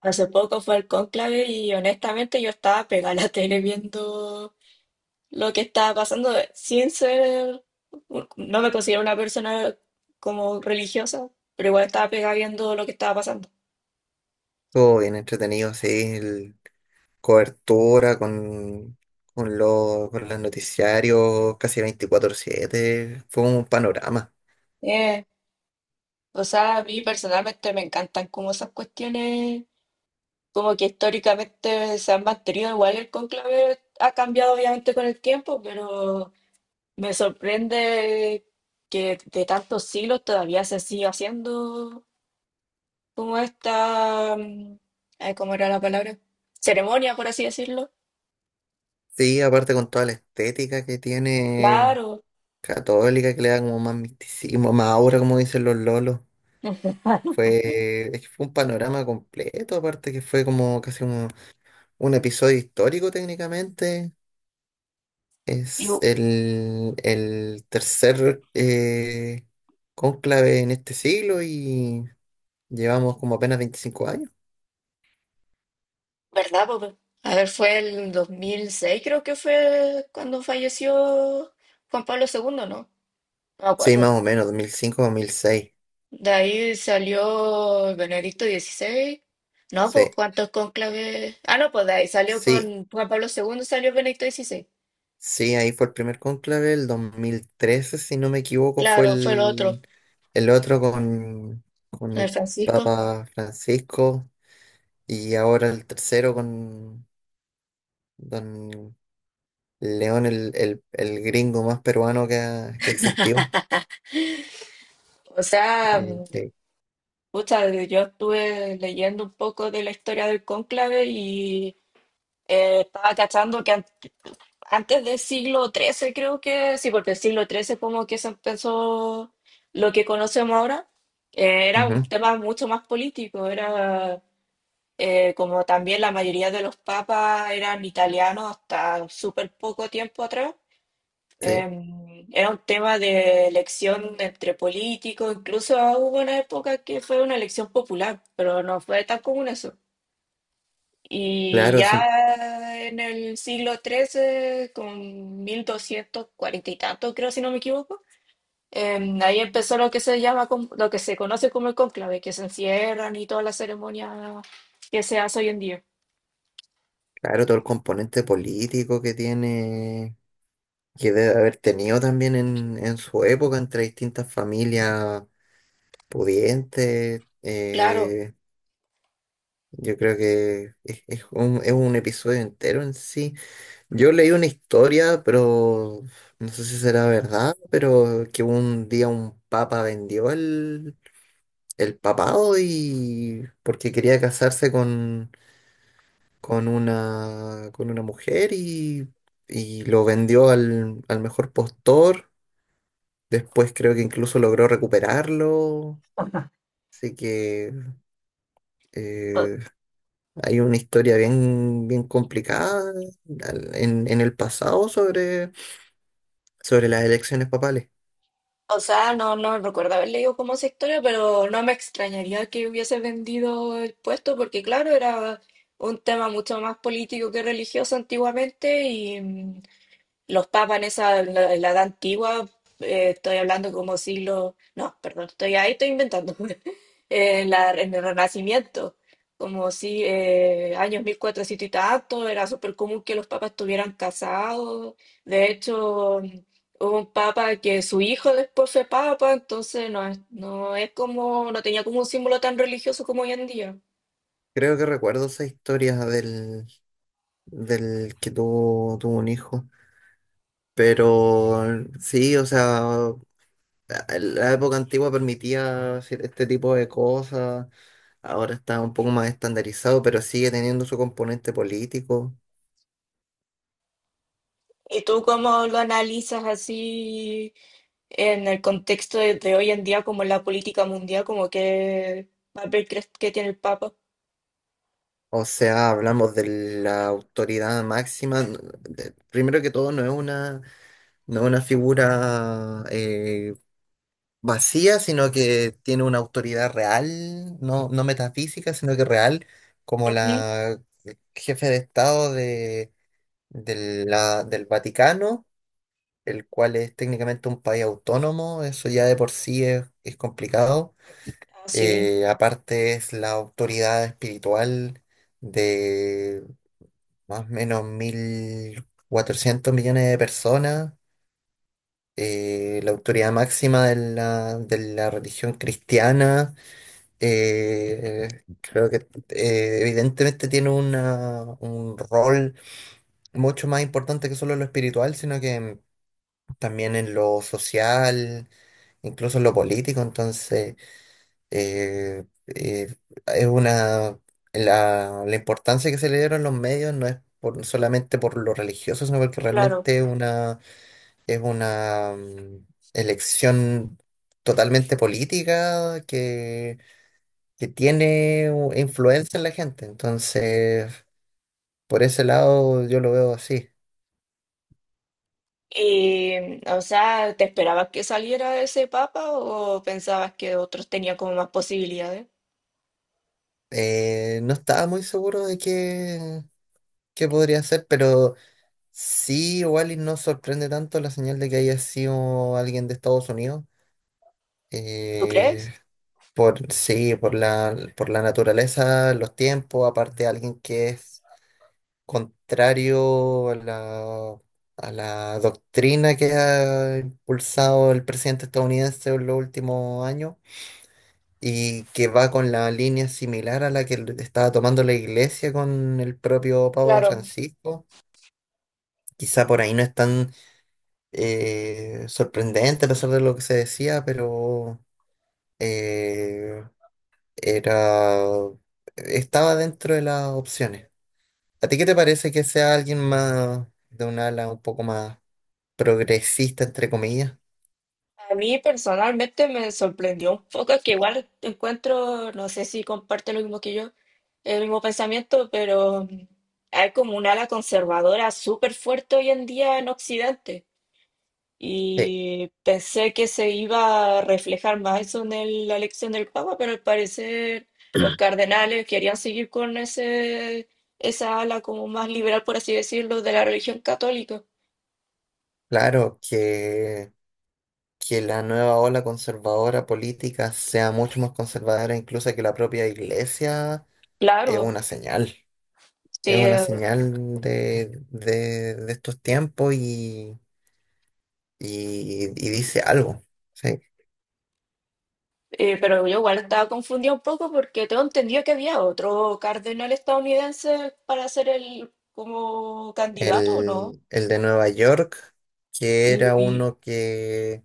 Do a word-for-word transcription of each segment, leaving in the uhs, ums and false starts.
Hace poco fue el cónclave y honestamente yo estaba pegada a la tele viendo lo que estaba pasando sin ser, no me considero una persona como religiosa, pero igual estaba pegada viendo lo que estaba pasando. Todo bien entretenido, sí. El- cobertura con, con, los, con los noticiarios casi veinticuatro siete. Fue un panorama. Eh, o sea, a mí personalmente me encantan como esas cuestiones, como que históricamente se han mantenido igual el cónclave ha cambiado obviamente con el tiempo, pero me sorprende que de tantos siglos todavía se siga haciendo como esta, mm, ay, ¿cómo era la palabra? Ceremonia, por así decirlo. Sí, aparte con toda la estética que tiene Claro. católica, que le da como más misticismo, más aura, como dicen los lolos. Ujú. Fue, es que fue un panorama completo, aparte que fue como casi como un episodio histórico técnicamente. Y, Es el, el tercer eh, cónclave en este siglo y llevamos como apenas veinticinco años. ¿verdad, papá? A ver, fue el dos mil seis, creo que fue cuando falleció Juan Pablo segundo, ¿no? No me Sí, más acuerdo. o menos, dos mil cinco, dos mil seis. De ahí salió Benedicto dieciséis. No, pues, Sí, ¿cuántos cónclaves? Ah, no, pues de ahí salió sí, con Juan Pablo segundo, salió Benedicto dieciséis. sí, ahí fue el primer cónclave. El dos mil trece, si no me equivoco, fue Claro, fue el otro, el, el otro con, con el el Francisco. Papa Francisco. Y ahora el tercero con Don León, el, el, el gringo más peruano que, ha- que existió. O sea, Eh, sí, pucha, yo estuve leyendo un poco de la historia del cónclave y eh, estaba cachando que an- antes del siglo trece, creo que sí, porque el siglo trece como que se empezó lo que conocemos ahora, eh, era un ujú, tema mucho más político, era eh, como también la mayoría de los papas eran italianos hasta súper poco tiempo atrás. sí, Em, era un tema de elección entre políticos, incluso hubo una época que fue una elección popular, pero no fue tan común eso. Y claro, ya sí, en el siglo trece, con mil doscientos cuarenta y tanto, creo, si no me equivoco, em, ahí empezó lo que se llama, con- lo que se conoce como el cónclave, que se encierran y todas las ceremonias que se hace hoy en día. claro, todo el componente político que tiene, que debe haber tenido también en, en su época entre distintas familias pudientes. Claro, eh, Yo creo que es, es un, es un episodio entero en sí. Yo leí una historia, pero no sé si será verdad, pero que un día un papa vendió el, el papado, y porque quería casarse con, con una, con una mujer, y, y lo vendió al, al mejor postor. Después creo que incluso logró recuperarlo. Así que eh, hay una historia bien, bien complicada al- en, en el pasado sobre, sobre las elecciones papales. o sea, no, no recuerdo haber leído como esa historia, pero no me extrañaría que hubiese vendido el puesto, porque claro, era un tema mucho más político que religioso antiguamente y, los papas en esa, en la, en la edad antigua, eh, estoy hablando como siglo, no, perdón, estoy ahí, estoy inventando. en la, en el Renacimiento, como si eh, años mil cuatrocientos y tanto, era súper común que los papas estuvieran casados. De hecho, hubo un papa que su hijo después fue papa, entonces no es, no es como, no tenía como un símbolo tan religioso como hoy en día. Creo que recuerdo esa historia del, del que tuvo, tuvo un hijo. Pero sí, o sea, la época antigua permitía hacer este tipo de cosas. Ahora está un poco más estandarizado, pero sigue teniendo su componente político. ¿Y tú cómo lo analizas así? En el contexto de, de hoy en día, como en la política mundial, ¿como qué papel crees que tiene el Papa? O sea, hablamos de la autoridad máxima. n- de- Primero que todo, no es una, no es una figura eh, vacía, sino que tiene una autoridad real, no, no metafísica, sino que real, como Ujú. la jefe de Estado de, de la, del Vaticano, el cual es técnicamente un país autónomo. Eso ya de por sí es, es complicado. Ah, sí, Eh, aparte es la autoridad espiritual más o menos mil cuatrocientos millones de personas, eh, la autoridad máxima de la, de la religión cristiana. Eh, creo que eh, evidentemente tiene una, un rol mucho más importante que solo en lo espiritual, sino que también en lo social, incluso en lo político. Entonces eh, eh, es una, la, la importancia que se le dieron los medios no es por, solamente por lo religioso, sino porque claro. realmente es una, es una mm, elección totalmente política, que, que tiene u- influencia en la gente. Entonces, por ese lado yo lo veo así. Y, o sea, ¿te esperabas que saliera ese papa o pensabas que otros tenían como más posibilidades? Eh, no estaba muy seguro de qué, qué podría ser, pero sí, igual y no sorprende tanto la señal de que haya sido alguien de Estados Unidos. ¿Tú crees? eh, por, sí, por la, por la naturaleza, los tiempos, aparte alguien que es contrario a la, a la doctrina que ha impulsado el presidente estadounidense en los últimos años, y que va con la línea similar a la que estaba tomando la iglesia con el propio Papa Claro. Francisco. Quizá por ahí no están eh, sorprendente a pesar de lo que se decía, pero eh, era estaba dentro de las opciones. ¿A ti qué te parece que sea alguien más de un ala un poco más progresista, entre comillas? A mí personalmente me sorprendió un poco que igual encuentro, no sé si comparte lo mismo que yo, el mismo pensamiento, pero mm, hay como un ala conservadora súper fuerte hoy en día en Occidente. Sí, Y pensé que se iba a reflejar más eso en el- la elección del Papa, pero al parecer los cardenales querían seguir con ese, esa ala como más liberal, por así decirlo, de la religión católica. claro, que, que la nueva ola conservadora política sea mucho más conservadora incluso que la propia iglesia es Claro, una señal. sí, Es una señal de, de de estos tiempos, y, y, y dice algo, ¿sí? Eh, pero yo igual estaba confundida un poco porque tengo entendido que había otro cardenal estadounidense para ser el como candidato, ¿o no? El, el de Nueva York, que Y, era y- uno que,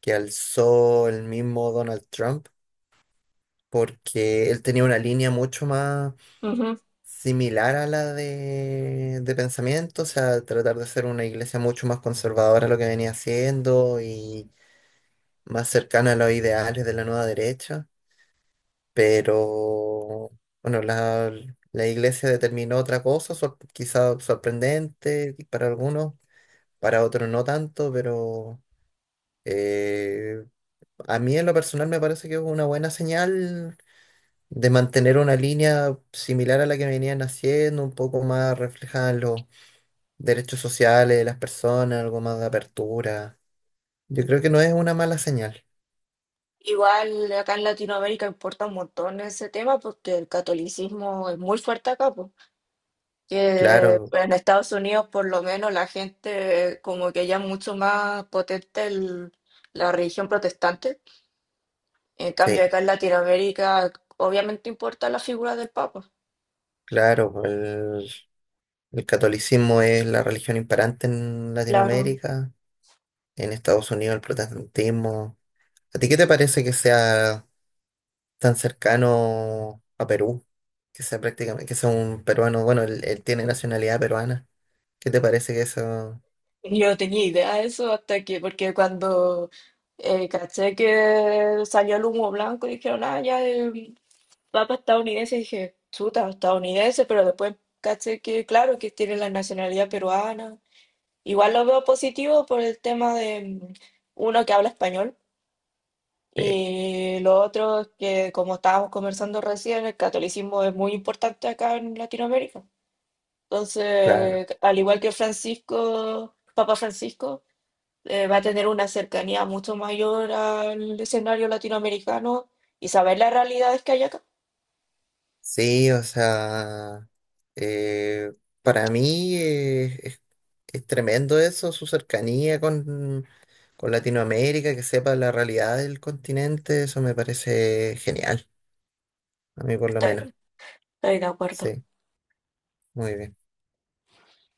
que alzó el mismo Donald Trump, porque él tenía una línea mucho más ujú. similar a la de, de pensamiento. O sea, tratar de ser una iglesia mucho más conservadora a lo que venía haciendo y más cercana a los ideales de la nueva derecha. Pero bueno, la, la iglesia determinó otra cosa, sor- quizá sorprendente para algunos, para otros no tanto, pero eh, a mí en lo personal me parece que es una buena señal de mantener una línea similar a la que venían haciendo, un poco más reflejada en los derechos sociales de las personas, algo más de apertura. Yo creo que no es una mala señal. Igual acá en Latinoamérica importa un montón ese tema porque el catolicismo es muy fuerte acá, pues. Que Claro, en Estados Unidos por lo menos la gente como que ya es mucho más potente el- la religión protestante. En cambio sí, acá en Latinoamérica obviamente importa la figura del Papa. claro. El catolicismo es la religión imperante en Claro. Latinoamérica, en Estados Unidos el protestantismo. ¿A ti qué te parece que sea tan cercano a Perú? Que sea prácticamente, que sea un peruano, bueno, él, él tiene nacionalidad peruana. ¿Qué te parece que eso? Yo no tenía idea de eso hasta que, porque cuando eh, caché que salió el humo blanco y dijeron, ah, ya, eh, va para estadounidense, dije, chuta, estadounidense, pero después caché que, claro, que tiene la nacionalidad peruana. Igual lo veo positivo por el tema de mm, uno que habla español Sí, y lo otro es que, como estábamos conversando recién, el catolicismo es muy importante acá en Latinoamérica. claro. Entonces, al igual que Francisco, Papa Francisco, eh, va a tener una cercanía mucho mayor al escenario latinoamericano y saber las realidades que hay acá. Sí, o sea, eh, para mí eh, es, es tremendo eso, su cercanía con, con Latinoamérica, que sepa la realidad del continente. Eso me parece genial. A mí por lo Estoy, menos. estoy de acuerdo. Sí, muy bien.